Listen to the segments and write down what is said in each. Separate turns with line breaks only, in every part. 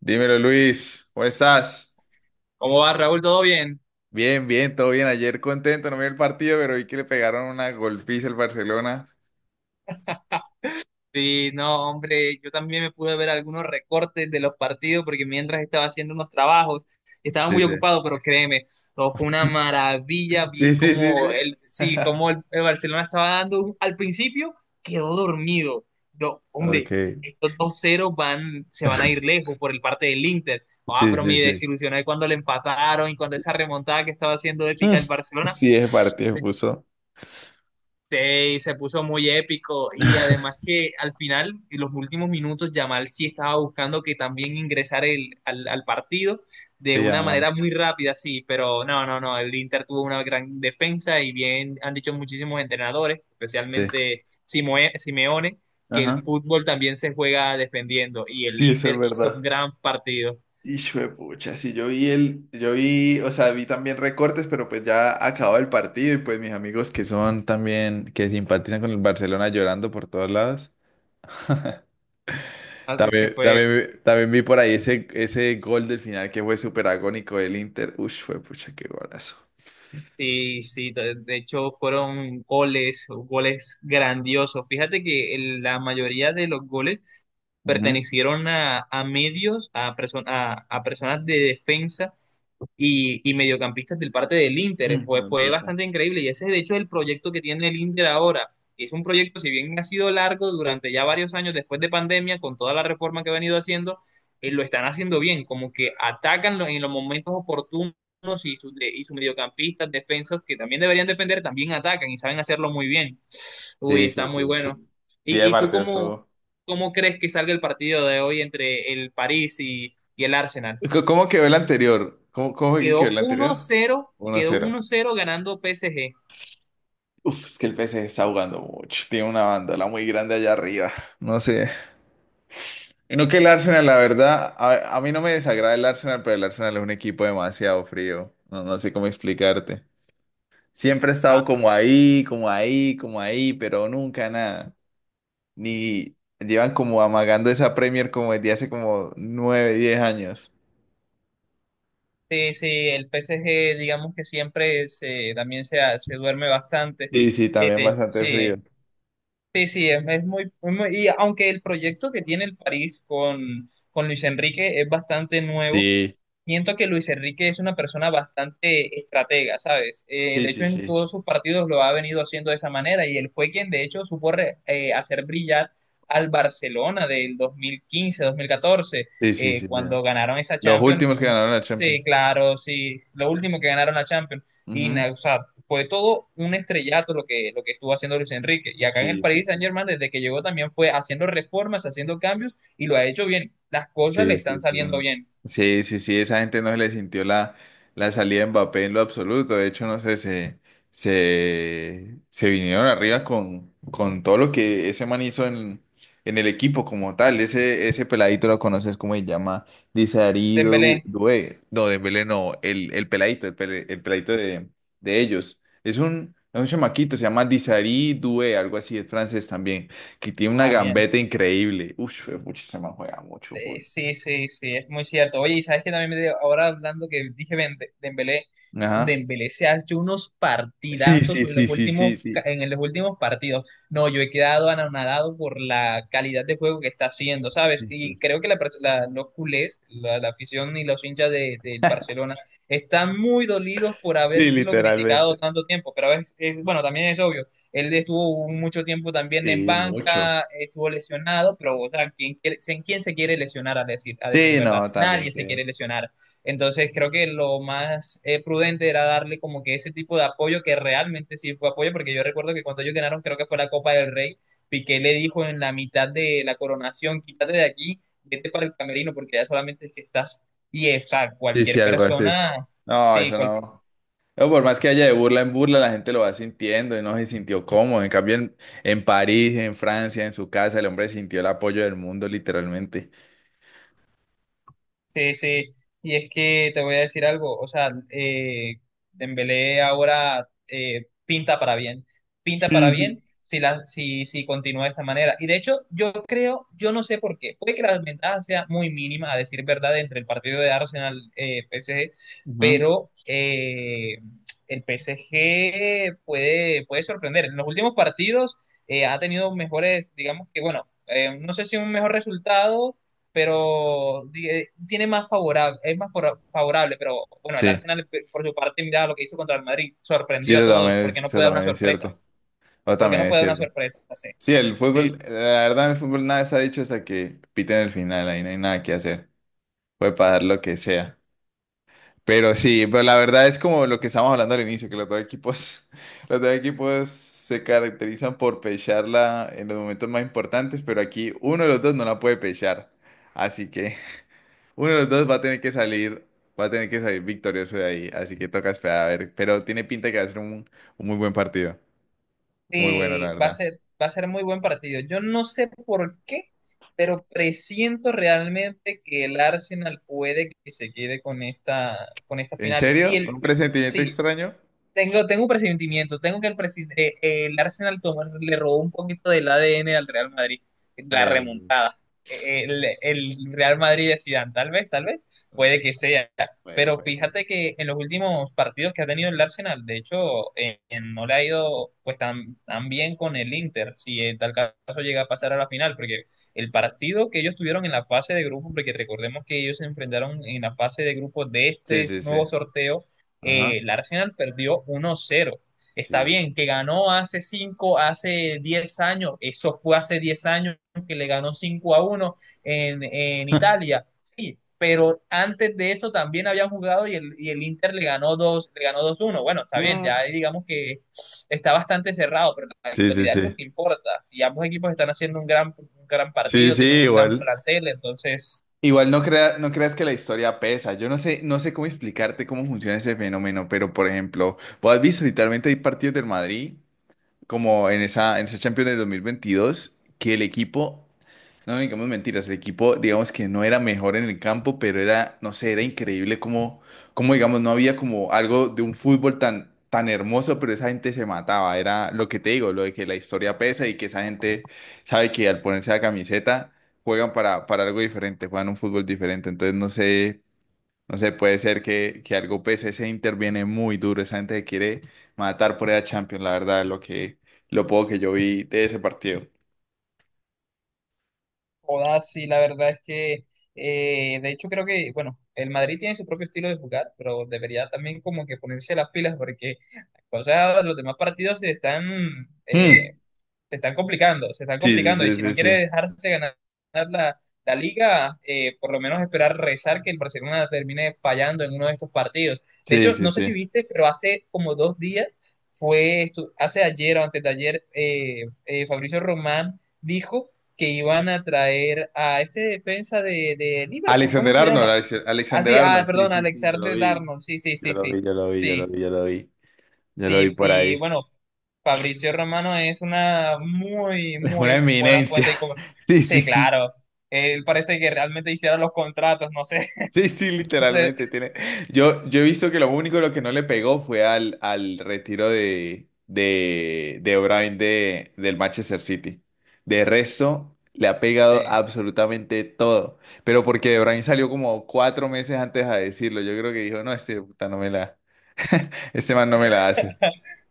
Dímelo, Luis, ¿cómo estás?
¿Cómo va, Raúl? ¿Todo bien?
Bien, bien, todo bien. Ayer contento, no vi el partido, pero vi que le pegaron una golpiza al Barcelona.
Sí, no, hombre, yo también me pude ver algunos recortes de los partidos porque mientras estaba haciendo unos trabajos, estaba
Sí,
muy
sí.
ocupado, pero créeme, todo fue una maravilla.
Sí,
Vi
sí, sí, sí.
como el, sí, como el Barcelona estaba dando al principio, quedó dormido. Yo,
Ok.
hombre, estos dos 0 van, se van a ir lejos por el parte del Inter. Ah,
Sí,
pero me
sí, sí.
desilusioné cuando le empataron y cuando esa remontada que estaba haciendo
Hmm.
épica el Barcelona.
Sí, ese partido puso.
Sí, se puso muy épico y además que al final, en los últimos minutos, Yamal sí estaba buscando que también ingresar al partido de
Se
una
llama.
manera muy rápida, sí, pero no, el Inter tuvo una gran defensa y bien han dicho muchísimos entrenadores,
Sí.
especialmente Simeone, que el
Ajá.
fútbol también se juega defendiendo y el
Sí, eso es
Inter hizo un
verdad.
gran partido,
Y de pucha, sí, yo vi, o sea, vi también recortes, pero pues ya acabó el partido y pues mis amigos que son también, que simpatizan con el Barcelona llorando por todos lados.
así que
También,
fue...
también, también vi por ahí ese gol del final que fue súper agónico del Inter. Ush, fue pucha, qué golazo.
Sí, sí, de hecho fueron goles, goles grandiosos. Fíjate que la mayoría de los goles
Ujú.
pertenecieron a medios, a personas de defensa y mediocampistas del parte del Inter.
Mm,
Fue,
me
fue
pucha.
bastante increíble y ese de hecho es el proyecto que tiene el Inter ahora. Es un proyecto, si bien ha sido largo durante ya varios años después de pandemia, con toda la reforma que ha venido haciendo, lo están haciendo bien, como que atacan en los momentos oportunos unos y, y sus mediocampistas, defensas que también deberían defender, también atacan y saben hacerlo muy bien. Uy,
Sí,
está
sí,
muy
sí,
bueno.
sí. Sí,
Y tú
aparte de
cómo,
eso.
cómo crees que salga el partido de hoy entre el París y el Arsenal?
¿Cómo quedó el anterior? ¿Cómo fue que quedó
Quedó
el anterior?
1-0,
uno a
quedó
cero
1-0 ganando PSG.
Uf, es que el PSG está jugando mucho. Tiene una bandola muy grande allá arriba. No sé. Y no que el Arsenal, la verdad, a mí no me desagrada el Arsenal, pero el Arsenal es un equipo demasiado frío. No, no sé cómo explicarte. Siempre he
Ah,
estado como ahí, como ahí, como ahí, pero nunca nada. Ni llevan como amagando esa Premier como desde hace como 9, 10 años.
sí, sí, el PSG digamos que siempre se, también se duerme bastante.
Sí, sí, también bastante frío.
Sí, sí, sí, es muy, Y aunque el proyecto que tiene el París con Luis Enrique es bastante nuevo,
Sí,
siento que Luis Enrique es una persona bastante estratega, ¿sabes?
sí,
De
sí,
hecho, en
sí.
todos sus partidos lo ha venido haciendo de esa manera y él fue quien, de hecho, supo hacer brillar al Barcelona del 2015-2014,
Sí, sí, sí. Ya.
cuando ganaron esa
Los
Champions.
últimos que ganaron
Uf,
la
sí,
Champions.
claro, sí, lo último que ganaron la Champions. Y,
Ujú.
o sea, fue todo un estrellato lo que estuvo haciendo Luis Enrique. Y acá en el
Sí, sí,
Paris
sí.
Saint-Germain, desde que llegó, también fue haciendo reformas, haciendo cambios y lo ha hecho bien. Las cosas le
Sí, sí,
están
sí.
saliendo bien.
Sí, sí, sí, esa gente no se le sintió la salida de Mbappé en lo absoluto. De hecho, no sé, se vinieron arriba con todo lo que ese man hizo en el equipo como tal. Ese peladito lo conoces cómo se llama, Disarí Dembélé.
Dembélé.
Doué. No, Dembélé no, el peladito, el peladito de ellos. Es un chamaquito, se llama Disarí Doué, algo así, es francés también, que tiene una
Ah, bien.
gambeta increíble. Uf, pucha, ese man juega mucho fútbol.
Sí, sí, sí, es muy cierto. Oye, y sabes que también ahora hablando que dije Ben Dembélé,
Ajá.
Dembélé se ha hecho unos
Sí,
partidazos
sí,
en los
sí, sí, sí,
últimos,
sí.
en los últimos partidos. No, yo he quedado anonadado por la calidad de juego que está haciendo, ¿sabes? Y creo que los culés, la afición y los hinchas de, del Barcelona están muy dolidos por
Sí,
haberlo criticado
literalmente.
tanto tiempo, pero es bueno, también es obvio. Él estuvo mucho tiempo también en
Sí, mucho.
banca, estuvo lesionado, pero o sea, ¿ quién se quiere lesionar a decir
Sí,
verdad?
no, también
Nadie se
que.
quiere lesionar. Entonces creo que lo más prudente era darle como que ese tipo de apoyo que realmente sí fue apoyo, porque yo recuerdo que cuando ellos ganaron, creo que fue la Copa del Rey, Piqué le dijo en la mitad de la coronación, quítate de aquí, vete para el camerino, porque ya solamente es que estás... Y, o sea,
Sí, sí,
cualquier
algo así.
persona...
No,
Sí,
eso
cualquier...
no. Pero por más que haya de burla en burla, la gente lo va sintiendo y no se sintió cómodo. En cambio, en París, en Francia, en su casa, el hombre sintió el apoyo del mundo, literalmente.
Sí, sí, y es que te voy a decir algo, o sea, Dembélé ahora pinta para
Sí, sí.
bien si, si continúa de esta manera. Y de hecho, yo creo, yo no sé por qué, puede que la ventaja sea muy mínima, a decir verdad, entre el partido de Arsenal-PSG,
Ujú.
pero el PSG puede, puede sorprender. En los últimos partidos ha tenido mejores, digamos que, bueno, no sé si un mejor resultado, pero tiene más favorable, es más favorable, pero bueno, el
Sí,
Arsenal por su parte, mira lo que hizo contra el Madrid,
sí,
sorprendió a todos, porque no
eso
puede dar una
también es
sorpresa,
cierto. Eso
porque
también
no
es
puede dar una
cierto.
sorpresa, sí.
Sí, el
Sí.
fútbol, la verdad, el fútbol nada se ha dicho hasta que piten el final, ahí no hay nada que hacer. Puede pagar lo que sea. Pero sí, pero la verdad es como lo que estábamos hablando al inicio, que los dos equipos, los dos equipos se caracterizan por pecharla en los momentos más importantes, pero aquí uno de los dos no la puede pechar. Así que uno de los dos va a tener que salir victorioso de ahí. Así que toca esperar a ver. Pero tiene pinta de que va a ser un muy buen partido. Muy bueno, la
Sí,
verdad.
va a ser muy buen partido. Yo no sé por qué, pero presiento realmente que el Arsenal puede que se quede con esta
¿En
final.
serio?
Sí, el,
¿Un presentimiento
sí,
extraño?
tengo, tengo un presentimiento, tengo que el Arsenal le robó un poquito del ADN al Real Madrid,
Ay,
la
ay, ay.
remontada. El Real Madrid de Zidane, tal vez,
Eh,
puede que sea.
Puede,
Pero
puede que sí.
fíjate que en los últimos partidos que ha tenido el Arsenal, de hecho, no le ha ido pues tan, tan bien con el Inter, si en tal caso llega a pasar a la final, porque el partido que ellos tuvieron en la fase de grupo, porque recordemos que ellos se enfrentaron en la fase de grupo de
Sí,
este
sí, sí.
nuevo sorteo,
Ajá.
el Arsenal perdió uno cero. Está
Sí.
bien, que ganó hace 5, hace 10 años, eso fue hace 10 años que le ganó 5 a uno en Italia. Sí, pero antes de eso también habían jugado y el Inter le ganó dos uno. Bueno, está bien, ya digamos que está bastante cerrado, pero la
Sí, sí,
actualidad es lo
sí.
que importa. Y ambos equipos están haciendo un gran
Sí,
partido,
sí,
tienen un gran
igual.
plantel, entonces...
Igual no creas que la historia pesa. Yo no sé, no sé cómo explicarte cómo funciona ese fenómeno, pero por ejemplo, vos has visto literalmente hay partidos del Madrid, como en esa Champions del 2022 que el equipo. No, digamos mentiras, el equipo, digamos que no era mejor en el campo, pero era, no sé, era increíble como digamos, no había como algo de un fútbol tan, tan hermoso, pero esa gente se mataba, era lo que te digo, lo de que la historia pesa y que esa gente sabe que al ponerse la camiseta juegan para algo diferente, juegan un fútbol diferente, entonces no sé, no sé, puede ser que algo pese, ese interviene muy duro, esa gente se quiere matar por esa Champions, la verdad, lo que, lo poco que yo vi de ese partido.
Joda, sí, la verdad es que, de hecho creo que, bueno, el Madrid tiene su propio estilo de jugar, pero debería también como que ponerse las pilas porque, o sea, los demás partidos eh,
Mm,
se están complicando, se están
sí, sí,
complicando. Y
sí,
si
sí,
no quiere
sí.
dejarse ganar, la liga, por lo menos esperar rezar que el Barcelona termine fallando en uno de estos partidos. De
Sí,
hecho,
sí,
no sé si
sí.
viste, pero hace como dos días, hace ayer o antes de ayer, Fabricio Román dijo que iban a traer a este defensa de Liverpool, ¿cómo
Alexander
se
Arnold,
llama? Ah,
Alexander
sí, ah,
Arnold, sí,
perdón,
sí, sí, yo lo
Alexander
vi.
Darnold, sí, sí,
Yo
sí,
lo
sí,
vi, yo lo vi, yo lo
sí.
vi, yo lo vi. Yo lo vi
Sí,
por
y
ahí.
bueno, Fabricio Romano es una muy,
Es una
muy buena
eminencia.
fuente de comer-.
Sí, sí,
Sí,
sí.
claro. Él parece que realmente hiciera los contratos, no sé.
Sí, sí,
Entonces,
literalmente tiene. Yo he visto que lo único lo que no le pegó fue al retiro de O'Brien del Manchester City. De resto, le ha pegado
eh,
absolutamente todo. Pero porque O'Brien salió como 4 meses antes a decirlo. Yo creo que dijo, no, este puta no me la, este man no me la hace.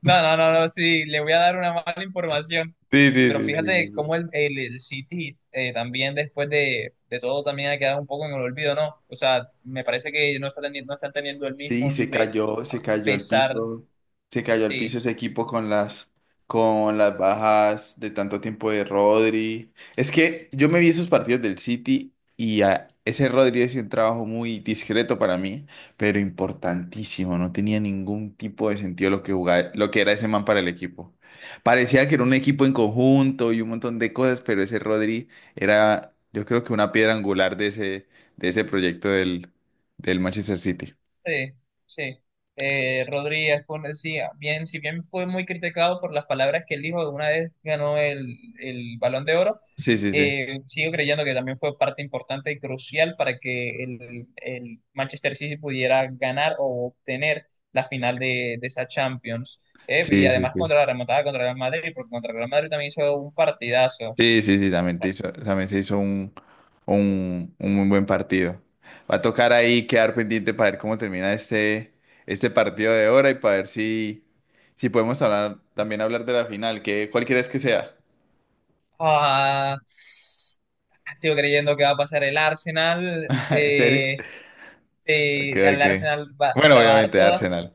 no, sí, le voy a dar una mala información.
Sí, sí,
Pero
sí, sí, sí,
fíjate cómo
sí.
el City también después de todo también ha quedado un poco en el olvido, ¿no? O sea, me parece que no está teniendo, no están teniendo el
Sí,
mismo nivel a pesar,
se cayó al
de...
piso ese equipo con las, bajas de tanto tiempo de Rodri. Es que yo me vi esos partidos del City y a ese Rodri es un trabajo muy discreto para mí, pero importantísimo. No tenía ningún tipo de sentido lo que era ese man para el equipo. Parecía que era un equipo en conjunto y un montón de cosas, pero ese Rodri era, yo creo que una piedra angular de ese proyecto del Manchester City.
Sí, sí. Rodríguez fue, sí, bien, si bien fue muy criticado por las palabras que él dijo una vez ganó el Balón de Oro,
Sí, sí, sí.
sigo creyendo que también fue parte importante y crucial para que el Manchester City pudiera ganar o obtener la final de esa Champions. Y
Sí, sí,
además
sí.
contra la remontada contra el Real Madrid, porque contra el Real Madrid también hizo un partidazo.
Sí, sí, sí, también, también se hizo un, muy buen partido. Va a tocar ahí quedar pendiente para ver cómo termina este partido de ahora y para ver si podemos hablar, también hablar de la final, que cuál quieres que sea.
Ah, sigo creyendo que va a pasar el Arsenal.
¿En serio? Ok,
Sí, al
ok.
Arsenal va,
Bueno,
la va a dar
obviamente
toda.
Arsenal.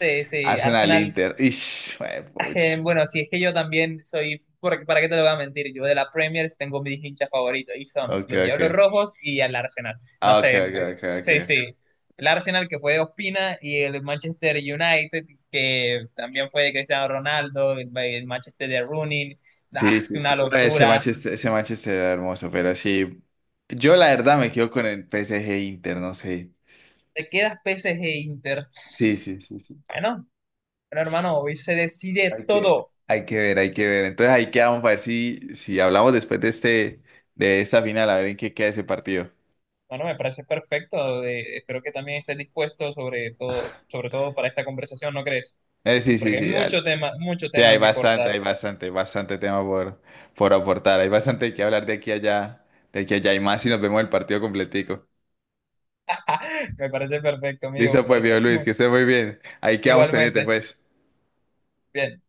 Sí, sí,
Arsenal
Arsenal.
Inter. Ish, juepucha.
Bueno, si es que yo también soy, porque, ¿para qué te lo voy a mentir? Yo de la Premier tengo mis hinchas favoritos y son
Ok,
los Diablos
ok.
Rojos y el Arsenal. No
Ah, Ok,
sé,
ok, ok,
sí,
ok.
sí. El Arsenal que fue de Ospina y el Manchester United que también fue de Cristiano Ronaldo, el Manchester de Rooney. Ah,
Sí, sí,
una
sí. Ah, Ese
locura.
Manchester, ese Manchester era hermoso, pero sí. Yo la verdad me quedo con el PSG Inter, no sé.
Te quedas PSG Inter.
Sí, sí, sí, sí.
Bueno, bueno, hermano, hoy se decide
Hay que,
todo.
hay que ver, hay que ver. Entonces ahí quedamos para ver si, hablamos después de esta final, a ver en qué queda ese partido.
Bueno, me parece perfecto. Espero que también estés dispuesto sobre todo para esta conversación, ¿no crees?
Sí, sí,
Porque hay
sí, dale.
mucho
Sí, hay
tema que
bastante,
cortar.
hay bastante, bastante tema por aportar. Hay bastante que hablar de aquí a allá, de aquí a allá y más si nos vemos el partido completico.
Me parece perfecto, amigo.
Listo,
Me
pues,
parece
viejo Luis,
muy.
que esté muy bien. Ahí quedamos pendientes,
Igualmente.
pues.
Bien.